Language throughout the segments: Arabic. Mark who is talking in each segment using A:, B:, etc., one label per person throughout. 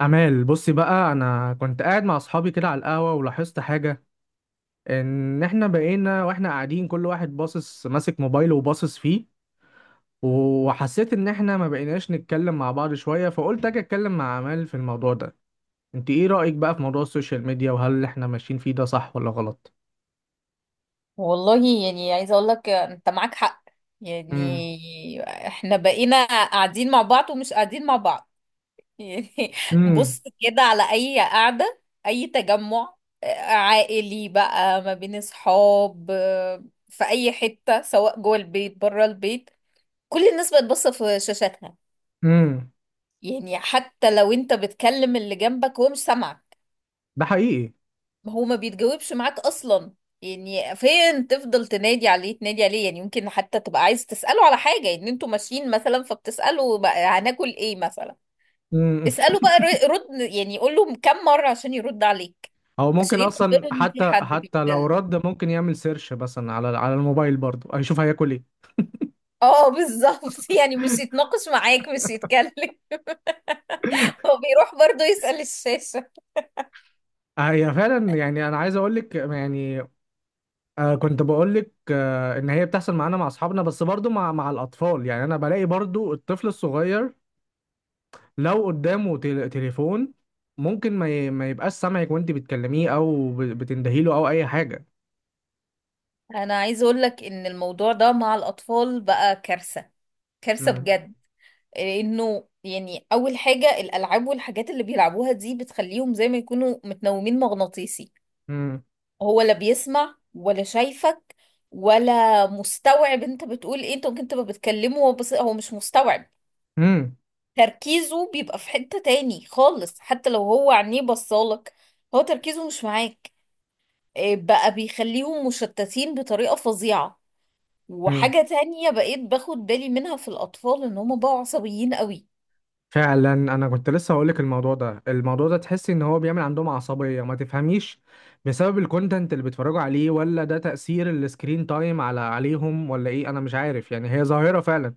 A: أمال، بصي بقى، أنا كنت قاعد مع أصحابي كده على القهوة ولاحظت حاجة. إن إحنا بقينا وإحنا قاعدين كل واحد باصص ماسك موبايله وباصص فيه، وحسيت إن إحنا ما بقيناش نتكلم مع بعض شوية، فقلت أجي أتكلم مع أمال في الموضوع ده. أنت إيه رأيك بقى في موضوع السوشيال ميديا، وهل إحنا ماشيين فيه ده صح ولا غلط؟
B: والله يعني عايزة اقول لك انت معاك حق.
A: امم.
B: يعني احنا بقينا قاعدين مع بعض ومش قاعدين مع بعض. يعني
A: امم.
B: بص كده على اي قعدة، اي تجمع عائلي بقى، ما بين اصحاب، في اي حتة، سواء جوه البيت بره البيت، كل الناس بقت باصة في شاشاتها.
A: امم.
B: يعني حتى لو انت بتكلم اللي جنبك هو مش سامعك.
A: ده حقيقي.
B: ما هو ما بيتجاوبش معاك اصلا. يعني فين، تفضل تنادي عليه تنادي عليه. يعني يمكن حتى تبقى عايز تسأله على حاجة ان انتوا ماشيين مثلا، فبتسأله بقى هناكل ايه مثلا.
A: امم.
B: اسأله بقى، رد، يعني يقول له كم مرة عشان يرد عليك،
A: هو
B: عشان
A: ممكن
B: ياخد
A: أصلا،
B: باله ان في
A: حتى
B: حد
A: حتى لو
B: بيتكلم.
A: رد ممكن يعمل سيرش مثلا على الموبايل، برضه هيشوف هياكل إيه.
B: اه بالظبط. يعني مش يتناقش معاك مش يتكلم. هو بيروح برضه يسأل الشاشة.
A: هي فعلا، يعني انا عايز اقول لك يعني. كنت بقول لك ان هي بتحصل معانا مع اصحابنا، بس برضو مع الاطفال. يعني انا بلاقي برضو الطفل الصغير لو قدامه تليفون ممكن ما يبقاش سامعك وانت بتكلميه، او بتندهيله او اي حاجه.
B: انا عايز اقول لك ان الموضوع ده مع الاطفال بقى كارثة، كارثة بجد. انه يعني اول حاجة، الالعاب والحاجات اللي بيلعبوها دي بتخليهم زي ما يكونوا متنومين مغناطيسي.
A: امم.
B: هو لا بيسمع ولا شايفك، ولا مستوعب انت بتقول ايه. انت ممكن تبقى بتكلمه هو بس هو مش مستوعب. تركيزه بيبقى في حتة تاني خالص، حتى لو هو عينيه بصالك هو تركيزه مش معاك. إيه بقى، بيخليهم مشتتين بطريقة فظيعة.
A: امم.
B: وحاجة تانية بقيت باخد بالي منها في الأطفال، إن هما بقوا عصبيين قوي.
A: فعلا انا كنت لسه هقول لك، الموضوع ده تحسي ان هو بيعمل عندهم عصبيه ما تفهميش بسبب الكونتنت اللي بيتفرجوا عليه، ولا ده تاثير السكرين تايم عليهم، ولا ايه؟ انا مش عارف. يعني هي ظاهره فعلا،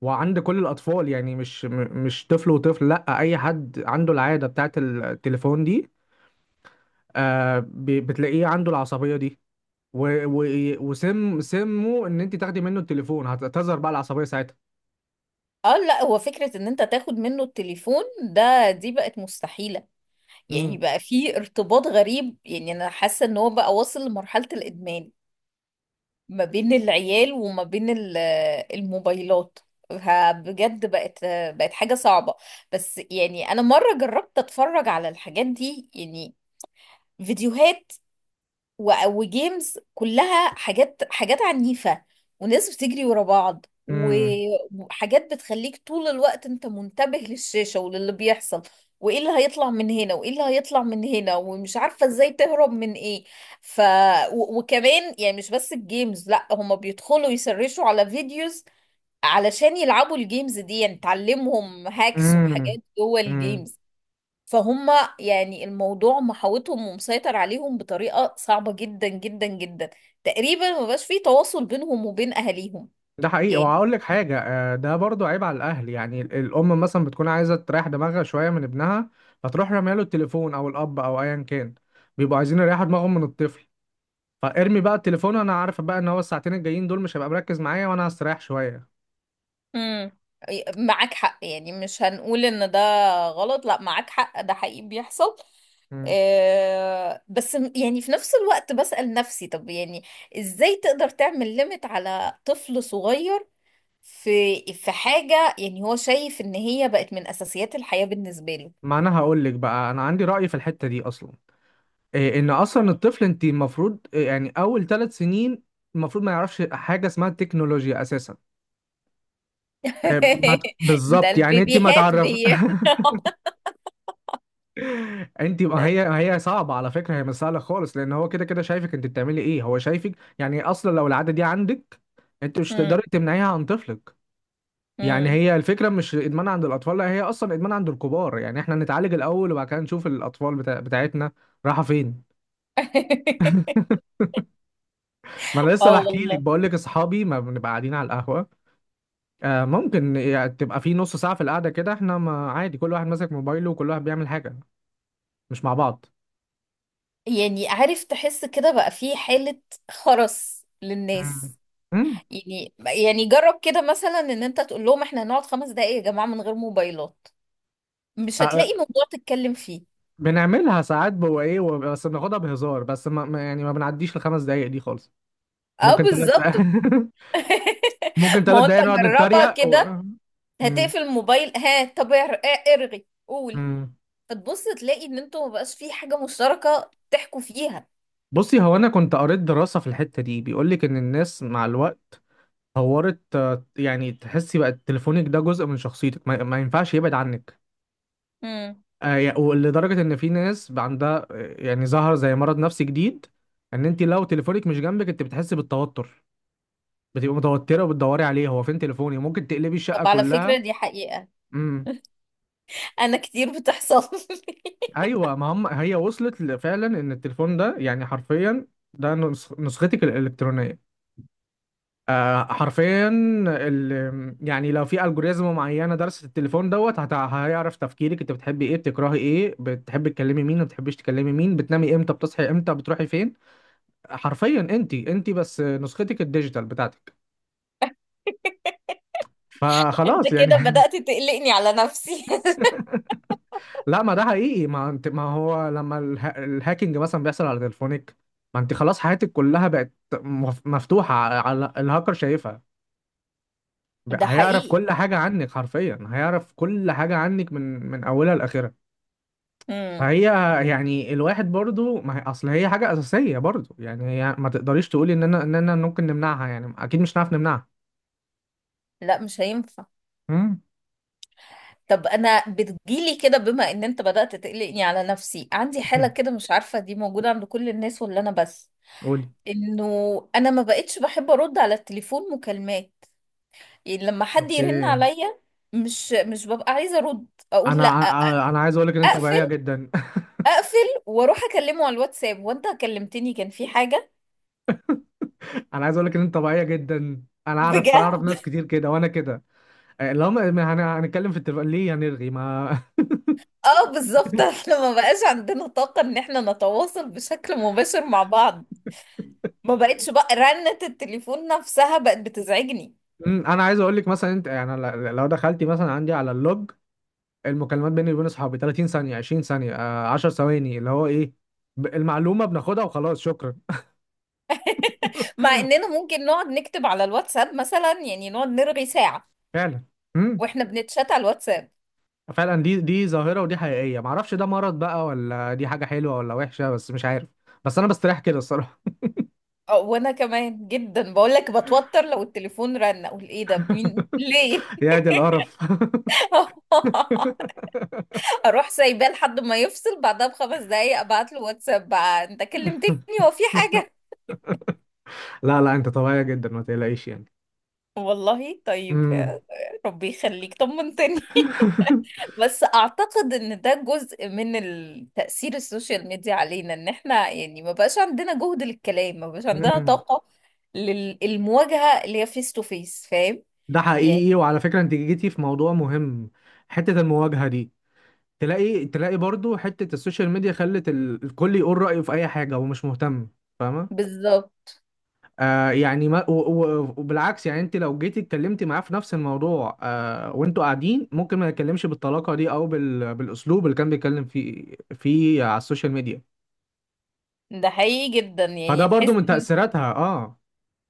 A: وعند كل الاطفال، يعني مش طفل وطفل، لا اي حد عنده العاده بتاعه التليفون دي، بتلاقيه عنده العصبيه دي. و- و- وسم سمه ان انت تاخدي منه التليفون هتظهر بقى العصبيه ساعتها.
B: اه لا، هو فكرة ان انت تاخد منه التليفون ده دي بقت مستحيلة. يعني
A: امم.
B: بقى في ارتباط غريب، يعني انا حاسة ان هو بقى واصل لمرحلة الادمان ما بين العيال وما بين الموبايلات. ها، بجد بقت حاجة صعبة. بس يعني انا مرة جربت اتفرج على الحاجات دي، يعني فيديوهات وجيمز، كلها حاجات عنيفة، وناس بتجري ورا بعض وحاجات بتخليك طول الوقت انت منتبه للشاشة وللي بيحصل، وايه اللي هيطلع من هنا وايه اللي هيطلع من هنا، ومش عارفة ازاي تهرب من ايه. ف وكمان يعني مش بس الجيمز، لا، هما بيدخلوا يسرشوا على فيديوز علشان يلعبوا الجيمز دي. يعني تعلمهم هاكس وحاجات
A: امم.
B: جوه
A: امم.
B: الجيمز. فهم يعني الموضوع محاوطهم ومسيطر عليهم بطريقة صعبة جدا جدا جدا. تقريبا ما بقاش فيه تواصل بينهم وبين أهاليهم.
A: ده حقيقي،
B: يعني
A: وهقول لك حاجة، ده برضو عيب على الأهل. يعني الأم مثلا بتكون عايزة تريح دماغها شوية من ابنها، فتروح رامية له التليفون، أو الأب أو أيا كان. بيبقوا عايزين يريحوا دماغهم من الطفل، فارمي بقى التليفون. أنا عارفة بقى إن هو الساعتين الجايين دول مش هيبقى مركز معايا وأنا هستريح شوية.
B: امم معاك حق، يعني مش هنقول ان ده غلط. لا، معاك حق، ده حقيقي بيحصل.
A: مم.
B: آه، بس يعني في نفس الوقت بسأل نفسي طب يعني ازاي تقدر تعمل ليميت على طفل صغير؟ في حاجة يعني هو شايف ان هي بقت من أساسيات الحياة بالنسبة له.
A: ما أنا هقول لك بقى، أنا عندي رأي في الحتة دي أصلا. إيه، إن أصلا الطفل أنت المفروض إيه، يعني أول ثلاث سنين المفروض ما يعرفش حاجة اسمها التكنولوجيا أساسا. إيه، ما ت-
B: ده
A: بالظبط، يعني أنت ما
B: البيبيهات
A: تعرف. انت، ما هي صعبه على فكره، هي مش سهله خالص، لان هو كده كده شايفك انت بتعملي ايه. هو شايفك، يعني اصلا لو العاده دي عندك انت مش تقدري
B: مم.
A: تمنعيها عن طفلك. يعني
B: مم.
A: هي الفكره مش ادمان عند الاطفال، لا هي اصلا ادمان عند الكبار. يعني احنا نتعالج الاول وبعد كده نشوف الاطفال بتاعتنا. راحه فين؟ ما انا لسه
B: اه
A: بحكي لك
B: والله.
A: بقول لك اصحابي ما بنبقى قاعدين على القهوه. آه ممكن يعني تبقى في نص ساعه في القعده، كده احنا، ما عادي كل واحد ماسك موبايله وكل واحد بيعمل حاجه، مش مع بعض.
B: يعني عارف تحس كده بقى في حالة خرس
A: مم.
B: للناس.
A: مم.
B: يعني جرب كده مثلا ان انت تقول لهم احنا هنقعد 5 دقايق يا جماعة من غير موبايلات. مش هتلاقي موضوع تتكلم فيه.
A: بنعملها ساعات بو ايه بس بناخدها بهزار، بس يعني ما بنعديش الخمس دقايق دي خالص.
B: اه
A: ممكن ثلاث دقايق.
B: بالظبط.
A: ممكن
B: ما
A: ثلاث
B: هو انت
A: دقايق نقعد
B: جربها
A: نتريق
B: كده.
A: و... مم.
B: هتقفل الموبايل، ها طب ارغي قول.
A: مم.
B: فتبص تلاقي ان انتوا مبقاش في حاجة مشتركة تحكوا فيها.
A: بصي، هو انا كنت قريت دراسة في الحتة دي، بيقول لك ان الناس مع الوقت طورت، يعني تحسي بقى تليفونك ده جزء من شخصيتك، ما ينفعش يبعد عنك. ولدرجة ان في ناس بقى عندها، يعني، ظهر زي مرض نفسي جديد، ان انت لو تليفونك مش جنبك انت بتحسي بالتوتر، بتبقى متوتره وبتدوري عليه، هو فين تليفوني؟ ممكن تقلبي الشقه
B: طب على
A: كلها.
B: فكرة دي حقيقة،
A: امم.
B: أنا كتير بتحصل لي.
A: ايوه ما هم، هي وصلت فعلا ان التليفون ده يعني حرفيا ده نسختك الالكترونيه. آه حرفيا. يعني لو في الجوريزم معينه درست التليفون، دوت هيعرف تفكيرك، انت بتحبي ايه، بتكرهي ايه، بتحبي تكلمي مين، ما بتحبيش تكلمي مين، بتنامي امتى، بتصحي امتى، بتروحي فين. حرفيا انت بس نسختك الديجيتال بتاعتك.
B: أنت
A: فخلاص يعني.
B: كده بدأت تقلقني على نفسي.
A: لا، ما ده حقيقي، ما انت، ما هو لما الهاكينج مثلا بيحصل على تليفونك، ما انت خلاص حياتك كلها بقت مفتوحة على الهاكر شايفها.
B: ده
A: هيعرف
B: حقيقي.
A: كل حاجة عنك، حرفيا هيعرف كل حاجة عنك من أولها لآخرها.
B: امم.
A: فهي، يعني الواحد برضو، ما هي اصل هي حاجة أساسية برضو. يعني هي ما تقدريش تقولي ان انا، ممكن نمنعها، يعني اكيد مش هنعرف نمنعها.
B: لا مش هينفع.
A: امم.
B: طب أنا بتجيلي كده، بما إن أنت بدأت تقلقني على نفسي، عندي حالة كده مش عارفة دي موجودة عند كل الناس ولا أنا بس.
A: قولي.
B: إنه أنا ما بقتش بحب أرد على التليفون مكالمات. يعني لما حد
A: اوكي.
B: يرن
A: انا
B: عليا، مش ببقى عايزة أرد. أقول لأ،
A: انا أنا عايز اقول لك ان انت طبيعية
B: أقفل.
A: جدا.
B: أقفل وأروح أكلمه على الواتساب. وأنت كلمتني كان في حاجة؟
A: انا عايز اقول لك ان انت طبيعيه جدا، انا اعرف
B: بجد.
A: ناس كتير كده، وانا كده. لو ما ما هن- هنتكلم في التليفون ليه هنرغي ما؟
B: اه بالظبط. احنا ما بقاش عندنا طاقة ان احنا نتواصل بشكل مباشر مع بعض. ما بقتش بقى رنة التليفون نفسها بقت بتزعجني.
A: انا عايز اقول لك مثلا، انت يعني لو دخلتي مثلا عندي على اللوج المكالمات بيني وبين اصحابي 30 ثانيه، 20 ثانيه، 10 ثواني، اللي هو ايه المعلومه بناخدها وخلاص شكرا.
B: مع اننا ممكن نقعد نكتب على الواتساب مثلا، يعني نقعد نرغي ساعة
A: فعلا. امم.
B: واحنا بنتشات على الواتساب.
A: فعلا، دي ظاهره، ودي حقيقيه، ما اعرفش ده مرض بقى ولا دي حاجه حلوه ولا وحشه، بس مش عارف. بس انا بستريح كده الصراحه.
B: اه وانا كمان جدا، بقول لك بتوتر لو التليفون رن اقول ايه ده مين ليه.
A: يا دي القرف.
B: اروح سايباه لحد ما يفصل، بعدها بـ5 دقايق ابعت له واتساب بقى انت كلمتني؟ هو في حاجة؟
A: لا لا، انت طبيعية جدا، ما تقلقيش يعني.
B: والله طيب
A: امم.
B: يا ربي يخليك طمنتني. بس اعتقد ان ده جزء من التأثير السوشيال ميديا علينا، ان احنا يعني ما بقاش عندنا جهد للكلام، ما بقاش عندنا
A: امم.
B: طاقة للمواجهة اللي هي فيس تو فيس، فاهم؟
A: ده
B: يعني
A: حقيقي، وعلى فكرة انت جيتي في موضوع مهم، حتة المواجهة دي. تلاقي برضو حتة السوشيال ميديا خلت الكل يقول رأيه في اي حاجة ومش مهتم. فاهمة؟
B: بالظبط.
A: آه يعني، ما و- و- وبالعكس، يعني انت لو جيتي اتكلمتي معاه في نفس الموضوع، آه وانتوا قاعدين ممكن ما يتكلمش بالطلاقة دي او بالاسلوب اللي كان بيتكلم فيه على السوشيال ميديا.
B: ده حقيقي جدا.
A: فده
B: يعني
A: برضو
B: تحس
A: من
B: ان،
A: تأثيراتها، اه.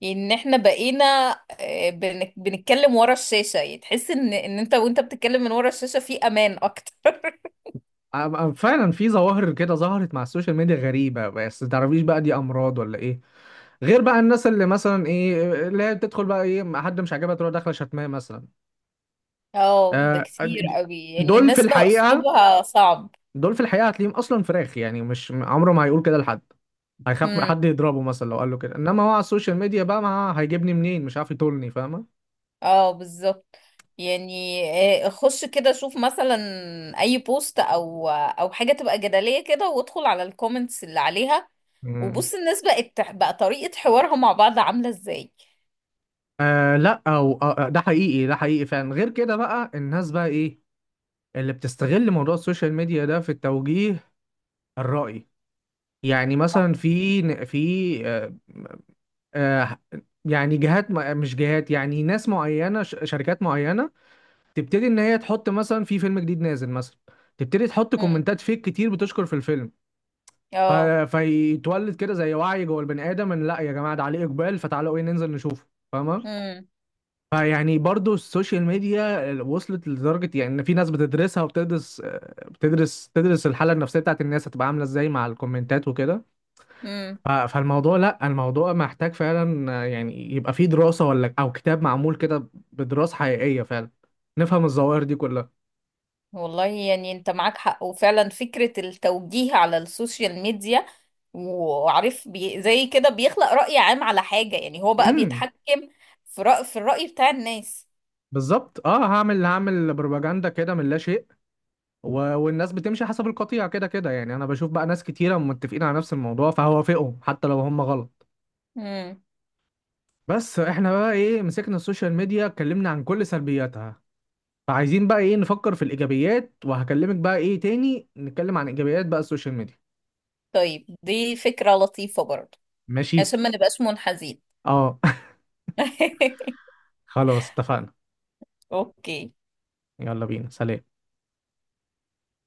B: يعني ان احنا بقينا بنتكلم ورا الشاشة. يعني تحس ان انت وانت بتتكلم من ورا الشاشة في امان اكتر.
A: فعلا في ظواهر كده ظهرت مع السوشيال ميديا غريبة، بس متعرفيش بقى دي أمراض ولا إيه. غير بقى الناس اللي مثلا إيه، اللي هي بتدخل بقى إيه، ما حد مش عاجبها تروح داخلة شتماه مثلا.
B: اه ده
A: آه د-
B: كتير
A: د-
B: قوي، يعني
A: دول في
B: الناس بقى
A: الحقيقة،
B: اسلوبها صعب.
A: دول في الحقيقة هتلاقيهم أصلا فراخ، يعني مش عمره ما هيقول كده لحد، هيخاف من
B: امم.
A: حد يضربه مثلا لو قال له كده. إنما هو على السوشيال ميديا بقى، ما هيجيبني منين، مش عارف يطولني. فاهمة؟
B: اه بالظبط. يعني خش كده شوف مثلا اي بوست او حاجه تبقى جدليه كده وادخل على الكومنتس اللي عليها.
A: مم.
B: وبص الناس بقت بقى طريقه حوارها مع بعض عامله ازاي.
A: لا، أو ده حقيقي، ده حقيقي فعلا. غير كده بقى الناس بقى إيه، اللي بتستغل موضوع السوشيال ميديا ده في التوجيه، الرأي. يعني مثلا، في في آه، آه، يعني جهات، مش جهات، يعني ناس معينة، شركات معينة تبتدي إن هي تحط مثلا في فيلم جديد نازل مثلا، تبتدي تحط
B: امم.
A: كومنتات فيك كتير بتشكر في الفيلم. ف-
B: اه.
A: فيتولد كده زي وعي جوه البني آدم، إن لا يا جماعة ده عليه إقبال، فتعالوا إيه ننزل نشوفه. فاهمة؟ فيعني برضو السوشيال ميديا وصلت لدرجة، يعني إن في ناس بتدرسها وبتدرس، تدرس الحالة النفسية بتاعت الناس هتبقى عاملة إزاي مع الكومنتات وكده.
B: امم.
A: فالموضوع، لا الموضوع محتاج فعلا، يعني، يبقى فيه دراسة ولا او كتاب معمول كده بدراسة حقيقية فعلا، نفهم الظواهر دي كلها.
B: والله يعني انت معاك حق. وفعلا فكرة التوجيه على السوشيال ميديا، وعارف بي زي كده، بيخلق رأي عام على حاجة. يعني هو بقى
A: امم.
B: بيتحكم في الرأي بتاع الناس.
A: بالظبط، اه، هعمل بروباجندا كده من لا شيء و... والناس بتمشي حسب القطيع، كده كده يعني انا بشوف بقى ناس كتيرة متفقين على نفس الموضوع فهوافقهم حتى لو هم غلط.
B: امم
A: بس احنا بقى ايه، مسكنا السوشيال ميديا اتكلمنا عن كل سلبياتها، فعايزين بقى ايه نفكر في الايجابيات، وهكلمك بقى ايه تاني نتكلم عن ايجابيات بقى السوشيال ميديا.
B: طيب دي فكرة لطيفة برضه،
A: ماشي.
B: عشان ما نبقاش منحازين.
A: اه خلاص اتفقنا.
B: اوكي
A: يلا بينا، سلام.